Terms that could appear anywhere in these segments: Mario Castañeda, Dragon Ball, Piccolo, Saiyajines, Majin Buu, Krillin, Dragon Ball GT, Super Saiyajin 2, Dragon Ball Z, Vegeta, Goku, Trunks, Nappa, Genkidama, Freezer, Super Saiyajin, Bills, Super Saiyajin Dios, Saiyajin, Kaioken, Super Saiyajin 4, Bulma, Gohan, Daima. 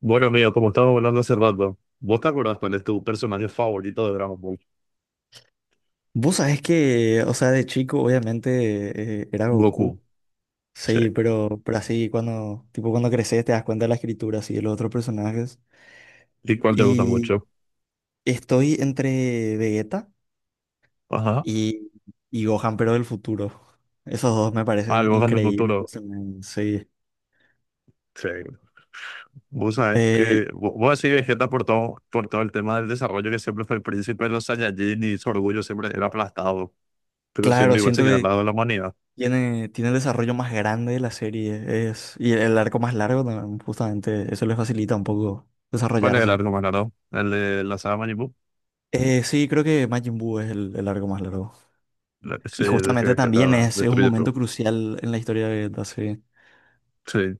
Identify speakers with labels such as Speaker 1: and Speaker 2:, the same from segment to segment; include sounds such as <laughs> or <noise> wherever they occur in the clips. Speaker 1: Bueno, amigo, como estábamos hablando hace rato, ¿vos te acordás cuál es tu personaje favorito de Dragon Ball?
Speaker 2: Vos sabés que, o sea, de chico obviamente era
Speaker 1: Goku.
Speaker 2: Goku,
Speaker 1: Sí.
Speaker 2: sí, pero así cuando, tipo cuando creces te das cuenta de la escritura, así, de los otros personajes.
Speaker 1: ¿Y cuál te gusta
Speaker 2: Y
Speaker 1: mucho?
Speaker 2: estoy entre Vegeta
Speaker 1: Ajá.
Speaker 2: y, y Gohan, pero del futuro. Esos dos me
Speaker 1: Ah, el
Speaker 2: parecen
Speaker 1: Gohan del
Speaker 2: increíbles,
Speaker 1: futuro.
Speaker 2: sí.
Speaker 1: Sí. Vos sabés
Speaker 2: Eh,
Speaker 1: que... Vos decís Vegeta por todo el tema del desarrollo que siempre fue el príncipe de los Saiyajin y su orgullo siempre era aplastado, pero siempre
Speaker 2: claro,
Speaker 1: igual se
Speaker 2: siento
Speaker 1: queda al
Speaker 2: que
Speaker 1: lado de la humanidad.
Speaker 2: tiene el desarrollo más grande de la serie, y el arco más largo, también, justamente, eso le facilita un poco
Speaker 1: ¿Cuál es el
Speaker 2: desarrollarse.
Speaker 1: arco más largo? ¿El de la saga Majin Buu?
Speaker 2: Sí, creo que Majin Buu es el arco más largo.
Speaker 1: Sí,
Speaker 2: Y
Speaker 1: el que
Speaker 2: justamente también
Speaker 1: Vegeta
Speaker 2: es un
Speaker 1: destruye todo.
Speaker 2: momento crucial en la historia de Vegeta, sí.
Speaker 1: Sí.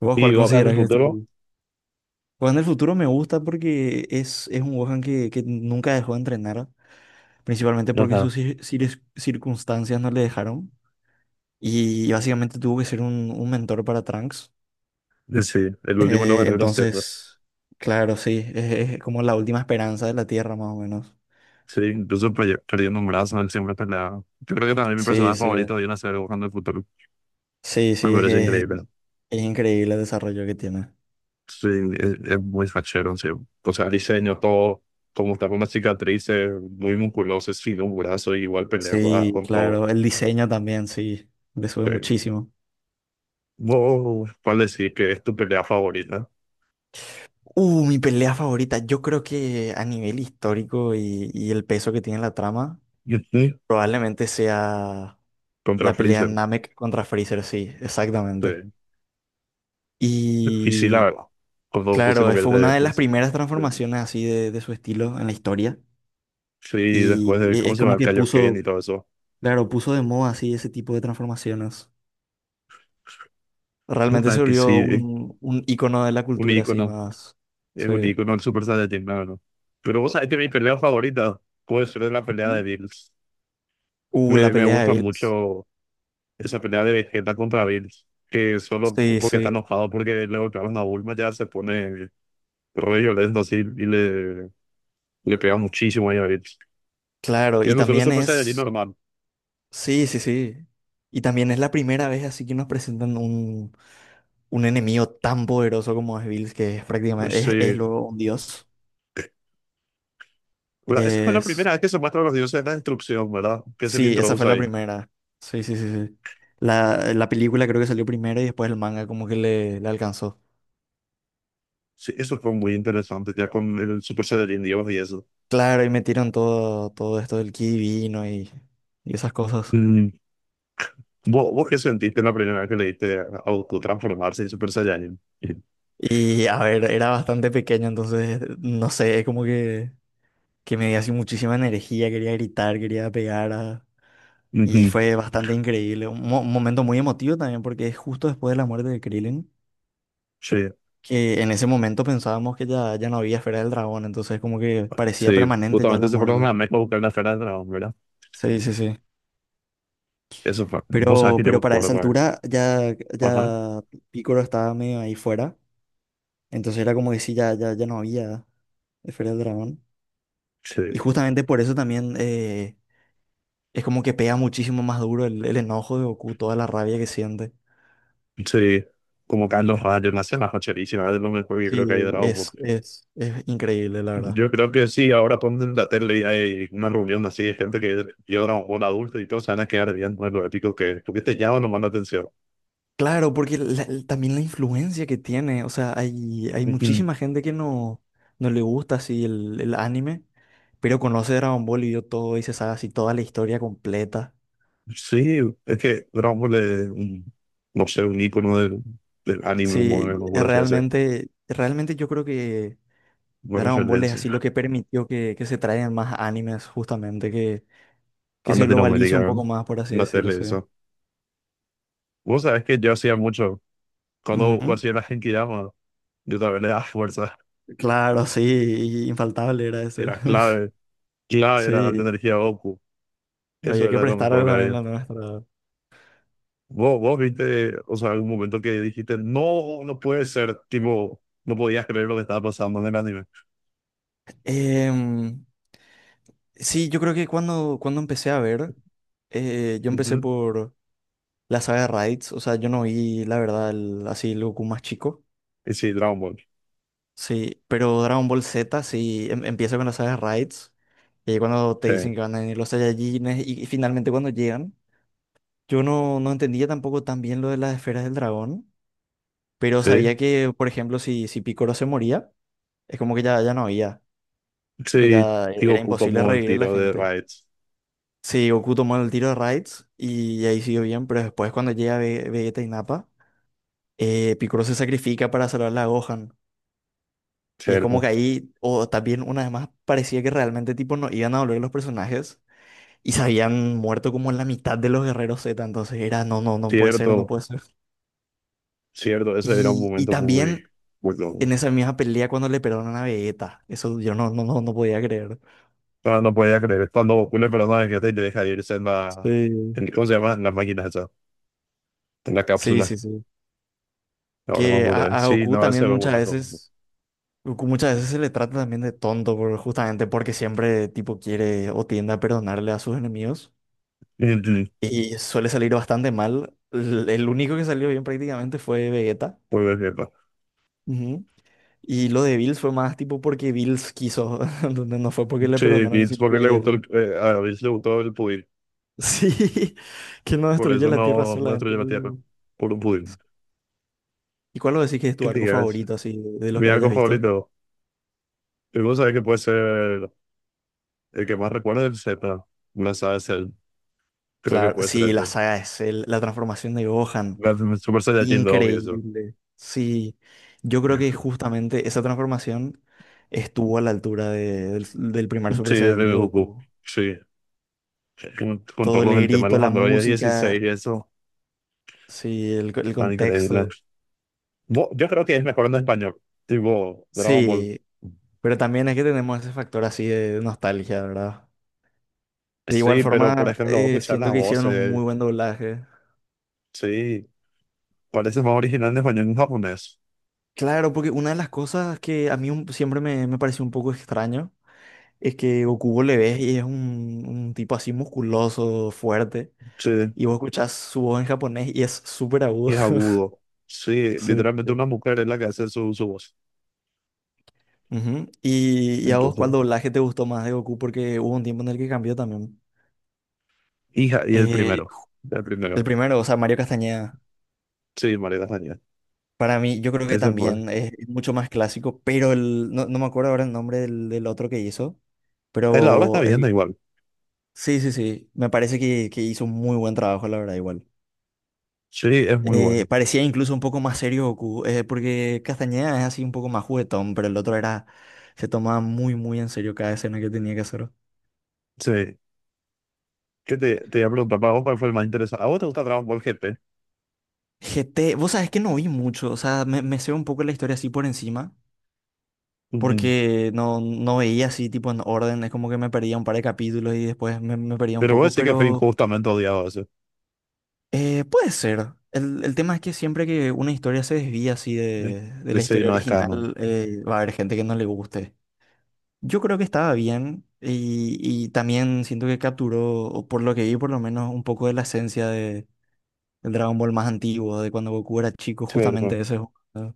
Speaker 2: ¿Vos cuál
Speaker 1: Y Gohan del
Speaker 2: considerás que es
Speaker 1: futuro,
Speaker 2: tu...? Gohan del futuro me gusta porque es un Gohan que nunca dejó de entrenar, principalmente
Speaker 1: ya
Speaker 2: porque
Speaker 1: está.
Speaker 2: sus circunstancias no le dejaron. Y básicamente tuvo que ser un mentor para Trunks.
Speaker 1: Sí, el último de los guerreros.
Speaker 2: Entonces, claro, sí, es como la última esperanza de la Tierra, más o menos.
Speaker 1: Sí, incluso perdiendo un brazo, él siempre peleaba. Yo creo que también mi
Speaker 2: Sí,
Speaker 1: personaje
Speaker 2: sí.
Speaker 1: favorito viene a ser Buscando el Futuro.
Speaker 2: Sí,
Speaker 1: Me
Speaker 2: sí, es
Speaker 1: parece
Speaker 2: que es
Speaker 1: increíble.
Speaker 2: es increíble el desarrollo que tiene.
Speaker 1: Sí, es muy fachero, sí. O sea, diseño, todo, como está con una cicatriz, muy musculoso, sin un brazo, y igual pelea ah,
Speaker 2: Sí,
Speaker 1: con todo.
Speaker 2: claro, el diseño también, sí, le sube
Speaker 1: Sí.
Speaker 2: muchísimo.
Speaker 1: Wow, ¿cuál decir que es tu pelea favorita?
Speaker 2: Mi pelea favorita, yo creo que a nivel histórico y el peso que tiene la trama,
Speaker 1: <laughs> Ujú.
Speaker 2: probablemente sea
Speaker 1: Contra
Speaker 2: la pelea
Speaker 1: Freezer.
Speaker 2: Namek contra Freezer, sí, exactamente.
Speaker 1: Sí. Y sí, la
Speaker 2: Y
Speaker 1: verdad, cuando Goku se
Speaker 2: claro, fue
Speaker 1: convierte
Speaker 2: una
Speaker 1: en...
Speaker 2: de las
Speaker 1: pues,
Speaker 2: primeras transformaciones así de su estilo en la historia.
Speaker 1: sí, después
Speaker 2: Y
Speaker 1: de, ¿cómo
Speaker 2: es
Speaker 1: se llama?
Speaker 2: como
Speaker 1: El
Speaker 2: que
Speaker 1: Kaioken
Speaker 2: puso,
Speaker 1: y todo eso.
Speaker 2: claro, puso de moda así ese tipo de transformaciones. Realmente
Speaker 1: Puta
Speaker 2: se
Speaker 1: que
Speaker 2: volvió
Speaker 1: sí,
Speaker 2: un ícono de la
Speaker 1: un
Speaker 2: cultura así
Speaker 1: ícono.
Speaker 2: más.
Speaker 1: Es
Speaker 2: Sí.
Speaker 1: un icono del Super Saiyajin, la verdad. Pero vos sabés que mi pelea favorita puede ser la pelea de Bills.
Speaker 2: La
Speaker 1: Me
Speaker 2: pelea de
Speaker 1: gusta
Speaker 2: Bills.
Speaker 1: mucho esa pelea de Vegeta contra Bills, que solo
Speaker 2: Sí,
Speaker 1: porque
Speaker 2: sí,
Speaker 1: está enojado porque le golpearon a Bulma ya se pone re violento así y le pega muchísimo ahí a Bills.
Speaker 2: claro. Y
Speaker 1: Siendo solo
Speaker 2: también
Speaker 1: Super Saiyajin
Speaker 2: es.
Speaker 1: normal.
Speaker 2: Sí, sí, sí. Y también es la primera vez así que nos presentan un enemigo tan poderoso como es Bills, que es prácticamente.
Speaker 1: Pues,
Speaker 2: Es
Speaker 1: sí.
Speaker 2: luego un dios.
Speaker 1: Bueno, esa fue la
Speaker 2: Es.
Speaker 1: primera vez que se muestra los dioses de la destrucción, ¿verdad? Que se le
Speaker 2: Sí, esa
Speaker 1: introduce
Speaker 2: fue la
Speaker 1: ahí.
Speaker 2: primera. Sí, sí, sí, sí. La película creo que salió primero y después el manga como que le alcanzó.
Speaker 1: Sí, eso fue muy interesante, ya con el Super Saiyajin Dios y eso.
Speaker 2: Claro, y metieron todo esto del ki divino y esas cosas.
Speaker 1: Mm, ¿vos qué sentiste la primera vez que le diste a Goku transformarse en Super Saiyan?
Speaker 2: Y a ver, era bastante pequeño, entonces no sé, es como que me dio así muchísima energía, quería gritar, quería pegar. Y
Speaker 1: Ujú.
Speaker 2: fue bastante increíble. Un momento muy emotivo también, porque es justo después de la muerte de Krillin,
Speaker 1: Sí,
Speaker 2: que en ese momento pensábamos que ya no había esfera del dragón, entonces como que parecía
Speaker 1: sí,
Speaker 2: permanente ya
Speaker 1: justamente
Speaker 2: la
Speaker 1: se fueron a
Speaker 2: muerte.
Speaker 1: México a buscar la esfera del dragón, ¿verdad?
Speaker 2: Sí, sí, sí.
Speaker 1: Eso fue, vos sabés
Speaker 2: Pero,
Speaker 1: que yo me
Speaker 2: pero para
Speaker 1: acuerdo,
Speaker 2: esa
Speaker 1: güey.
Speaker 2: altura ya,
Speaker 1: Ajá,
Speaker 2: ya Picoro estaba medio ahí fuera, entonces era como que sí, ya no había esfera del dragón.
Speaker 1: sí,
Speaker 2: Y justamente por eso también es como que pega muchísimo más duro el enojo de Goku, toda la rabia que siente.
Speaker 1: sí, como Carlos Rayos, una escena facherísima, es lo mejor que
Speaker 2: Sí,
Speaker 1: creo que hay de Dragon Ball.
Speaker 2: es increíble, la verdad.
Speaker 1: Yo creo que sí, ahora ponen la tele y hay una reunión así de gente que vio Dragon Ball adulto y todos se van a quedar viendo lo épico que tuviste ya o no manda atención.
Speaker 2: Claro, porque también la influencia que tiene, o sea, hay muchísima gente que no le gusta así el anime, pero conoce Dragon Ball y vio todo y se sabe así toda la historia completa.
Speaker 1: Sí, es que Dragon Ball es un, no sé, un icono del, del anime
Speaker 2: Sí,
Speaker 1: moderno, por así decirlo.
Speaker 2: realmente yo creo que
Speaker 1: Bueno, yo
Speaker 2: Dragon
Speaker 1: le
Speaker 2: Ball es así lo
Speaker 1: decía,
Speaker 2: que permitió que se traigan más animes, justamente, que,
Speaker 1: a
Speaker 2: que se globalice un
Speaker 1: Latinoamérica,
Speaker 2: poco
Speaker 1: en
Speaker 2: más, por así
Speaker 1: la tele,
Speaker 2: decirse.
Speaker 1: eso. Vos sabés que yo hacía mucho, cuando
Speaker 2: Ujú.
Speaker 1: hacía la Genkidama, yo también le daba fuerza,
Speaker 2: Claro, sí, infaltable era ese.
Speaker 1: era
Speaker 2: <laughs>
Speaker 1: clave, clave era la
Speaker 2: Sí.
Speaker 1: energía Goku, eso
Speaker 2: Había que
Speaker 1: era lo
Speaker 2: prestar
Speaker 1: mejor que
Speaker 2: también
Speaker 1: había.
Speaker 2: la nuestra.
Speaker 1: Vos viste, o sea, algún momento que dijiste, no, no puede ser, tipo, no podías creer lo que estaba pasando en el anime.
Speaker 2: Em, sí, yo creo que cuando empecé a ver, yo empecé
Speaker 1: Ujú.
Speaker 2: por la saga de Raids. O sea, yo no vi, la verdad, así el Goku más chico.
Speaker 1: Y sí, Dragon Ball,
Speaker 2: Sí, pero Dragon Ball Z sí empieza con la saga de Raids. Y ahí cuando te
Speaker 1: sí,
Speaker 2: dicen que van a venir los Saiyajines y finalmente cuando llegan, yo no entendía tampoco tan bien lo de las esferas del dragón. Pero
Speaker 1: sí,
Speaker 2: sabía que, por ejemplo, si Piccolo se moría, es como que ya no había. Tipo,
Speaker 1: sí,
Speaker 2: ya
Speaker 1: tío,
Speaker 2: era
Speaker 1: ocupa
Speaker 2: imposible
Speaker 1: como el
Speaker 2: revivir a la
Speaker 1: tiro de
Speaker 2: gente.
Speaker 1: Raids.
Speaker 2: Sí, Goku tomó el tiro de Raids y ahí siguió bien, pero después cuando llega Vegeta y Nappa, Piccolo se sacrifica para salvar a Gohan. Y es como
Speaker 1: Cierto,
Speaker 2: que ahí, o también una vez más, parecía que realmente tipo no iban a volver los personajes y se habían muerto como la mitad de los guerreros Z, entonces era no, no, no puede ser, no
Speaker 1: cierto,
Speaker 2: puede ser.
Speaker 1: cierto. Ese era un
Speaker 2: Y
Speaker 1: momento muy,
Speaker 2: también
Speaker 1: muy loco.
Speaker 2: en esa misma pelea cuando le perdonan a Vegeta, eso yo no podía creer.
Speaker 1: No, no podía creer. Cuando una persona que te deja irse en la.
Speaker 2: Sí,
Speaker 1: ¿Cómo se llama? En la máquina esa. En la
Speaker 2: sí,
Speaker 1: cápsula.
Speaker 2: sí, sí.
Speaker 1: Ahora
Speaker 2: Que
Speaker 1: vamos a
Speaker 2: a,
Speaker 1: ver.
Speaker 2: a
Speaker 1: Sí, no, ese era un momento.
Speaker 2: Goku muchas veces se le trata también de tonto, justamente porque siempre tipo quiere o tiende a perdonarle a sus enemigos y suele salir bastante mal. El único que salió bien prácticamente fue Vegeta.
Speaker 1: Muy bien, cierto.
Speaker 2: Ujú. Y lo de Bills fue más tipo porque Bills quiso, <laughs> donde no fue porque le
Speaker 1: Sí, y
Speaker 2: perdonaron,
Speaker 1: es
Speaker 2: sino que
Speaker 1: porque le gustó el,
Speaker 2: él... <laughs>
Speaker 1: a David le gustó el pudín.
Speaker 2: Sí, que no
Speaker 1: Por
Speaker 2: destruye
Speaker 1: eso
Speaker 2: la Tierra
Speaker 1: no, no
Speaker 2: solamente.
Speaker 1: destruyó la tierra. Por un pudín.
Speaker 2: ¿Y cuál lo decís que es
Speaker 1: ¿Qué
Speaker 2: tu
Speaker 1: te
Speaker 2: arco
Speaker 1: digas?
Speaker 2: favorito así de los
Speaker 1: Mi
Speaker 2: que
Speaker 1: algo
Speaker 2: hayas visto?
Speaker 1: favorito. Y vos sabés que puede ser. El que más recuerdo es el Z. No sabes el. Creo que
Speaker 2: Claro,
Speaker 1: puede ser
Speaker 2: sí,
Speaker 1: el
Speaker 2: la
Speaker 1: Z.
Speaker 2: saga es la transformación de Gohan.
Speaker 1: La Super Saiyajin 2, obvio, eso.
Speaker 2: Increíble. Sí, yo creo que
Speaker 1: <laughs>
Speaker 2: justamente esa transformación estuvo a la altura del primer
Speaker 1: Sí,
Speaker 2: Super
Speaker 1: el
Speaker 2: Saiyajin
Speaker 1: de
Speaker 2: de
Speaker 1: Goku.
Speaker 2: Goku.
Speaker 1: Sí. Con
Speaker 2: Todo
Speaker 1: todos
Speaker 2: el
Speaker 1: los, el tema de
Speaker 2: grito,
Speaker 1: los
Speaker 2: la
Speaker 1: androides
Speaker 2: música,
Speaker 1: 16 y eso.
Speaker 2: sí, el
Speaker 1: Man, increíble.
Speaker 2: contexto.
Speaker 1: Yo creo que es mejor en español. Tipo, Dragon Ball.
Speaker 2: Sí, pero también es que tenemos ese factor así de nostalgia, ¿verdad? De igual
Speaker 1: Sí, pero por
Speaker 2: forma,
Speaker 1: ejemplo, vos escuchar
Speaker 2: siento
Speaker 1: las
Speaker 2: que hicieron un
Speaker 1: voces.
Speaker 2: muy buen doblaje.
Speaker 1: Sí. Parece más original en español que en japonés.
Speaker 2: Claro, porque una de las cosas que a mí siempre me pareció un poco extraño es que Goku vos le ves y es un tipo así musculoso, fuerte.
Speaker 1: Sí.
Speaker 2: Y vos escuchás su voz en japonés y es súper
Speaker 1: Y
Speaker 2: agudo.
Speaker 1: es
Speaker 2: <laughs>
Speaker 1: agudo. Sí,
Speaker 2: Sí.
Speaker 1: literalmente una mujer es la que hace su, su voz.
Speaker 2: Ujú. ¿Y a vos
Speaker 1: Entonces.
Speaker 2: cuál doblaje te gustó más de Goku? Porque hubo un tiempo en el que cambió también.
Speaker 1: Hija, y el
Speaker 2: Eh,
Speaker 1: primero. El
Speaker 2: el
Speaker 1: primero.
Speaker 2: primero, o sea, Mario Castañeda.
Speaker 1: Sí, María Daniel.
Speaker 2: Para mí, yo creo que
Speaker 1: Ese fue.
Speaker 2: también es mucho más clásico, pero no me acuerdo ahora el nombre del otro que hizo,
Speaker 1: La obra está
Speaker 2: pero
Speaker 1: bien, da igual.
Speaker 2: sí, sí, sí, me parece que hizo un muy buen trabajo, la verdad, igual.
Speaker 1: Sí, es muy bueno.
Speaker 2: Parecía incluso un poco más serio Goku, porque Castañeda es así un poco más juguetón, pero el otro era, se tomaba muy, muy en serio cada escena que tenía que hacer.
Speaker 1: Sí. ¿Qué te, te iba a preguntar? ¿Para vos cuál fue el más interesante? ¿A vos te gusta Dragon Ball GT?
Speaker 2: GT, vos sabés que no vi mucho, o sea, me sé un poco la historia así por encima,
Speaker 1: Ujú.
Speaker 2: porque no veía así tipo en orden, es como que me perdía un par de capítulos y después me perdía un
Speaker 1: Pero vos
Speaker 2: poco,
Speaker 1: sí que fue
Speaker 2: pero
Speaker 1: injustamente odiado eso.
Speaker 2: puede ser. El tema es que siempre que una historia se desvía así
Speaker 1: Sí,
Speaker 2: de la
Speaker 1: ese
Speaker 2: historia
Speaker 1: no es canon.
Speaker 2: original, va a haber gente que no le guste. Yo creo que estaba bien y también siento que capturó, o por lo que vi por lo menos, un poco de la esencia del Dragon Ball más antiguo, de cuando Goku era chico, justamente
Speaker 1: Cierto.
Speaker 2: ese juego, ¿no?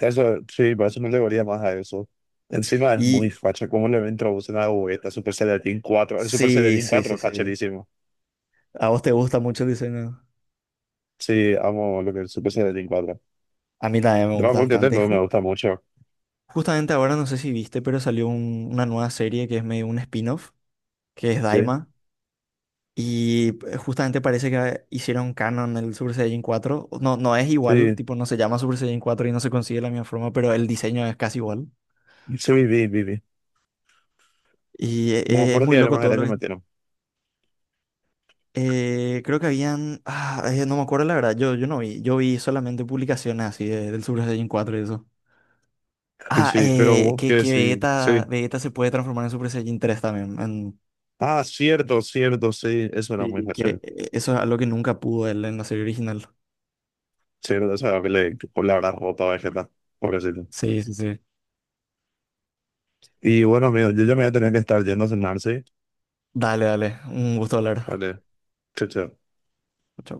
Speaker 1: Eso, sí, por eso no le volía más a eso. Encima es muy
Speaker 2: Y
Speaker 1: facha. ¿Cómo le introducen a Vegeta Super Saiyajin 4? El Super
Speaker 2: sí,
Speaker 1: Saiyajin
Speaker 2: sí,
Speaker 1: 4
Speaker 2: sí,
Speaker 1: es
Speaker 2: sí.
Speaker 1: facherísimo.
Speaker 2: ¿A vos te gusta mucho el diseño?
Speaker 1: Sí, amo lo que es el Super Saiyajin 4.
Speaker 2: A mí también me
Speaker 1: Dragon
Speaker 2: gusta
Speaker 1: Ball GT
Speaker 2: bastante.
Speaker 1: no me gusta mucho.
Speaker 2: Justamente ahora no sé si viste, pero salió una nueva serie que es medio un spin-off, que es
Speaker 1: Sí,
Speaker 2: Daima. Y justamente parece que hicieron canon el Super Saiyajin 4. No, no es igual,
Speaker 1: sí.
Speaker 2: tipo, no se llama Super Saiyajin 4 y no se consigue de la misma forma, pero el diseño es casi igual.
Speaker 1: Sí, viví, viví.
Speaker 2: Y
Speaker 1: No me
Speaker 2: es
Speaker 1: acuerdo que
Speaker 2: muy
Speaker 1: era
Speaker 2: loco
Speaker 1: más
Speaker 2: todo
Speaker 1: era
Speaker 2: lo
Speaker 1: que
Speaker 2: que...
Speaker 1: metieron.
Speaker 2: creo que habían... no me acuerdo la verdad, yo no vi. Yo vi solamente publicaciones así del Super Saiyajin 4 y eso.
Speaker 1: Sí,
Speaker 2: Ah,
Speaker 1: sí pero
Speaker 2: eh,
Speaker 1: vos
Speaker 2: que,
Speaker 1: que
Speaker 2: que
Speaker 1: sí, sí.
Speaker 2: Vegeta se puede transformar en Super Saiyajin 3 también.
Speaker 1: Ah, cierto, cierto, sí, eso era muy
Speaker 2: Sí. Que
Speaker 1: chévere.
Speaker 2: eso es algo que nunca pudo él en la serie original.
Speaker 1: Cierto, esa era que le habrás roto a Vegeta, pobrecito.
Speaker 2: Sí, sí, sí.
Speaker 1: Y bueno, amigo, yo ya me voy a tener que estar yendo a cenar, ¿sí?
Speaker 2: Dale, dale. Un gusto hablar.
Speaker 1: Vale, chao, chao.
Speaker 2: Chao.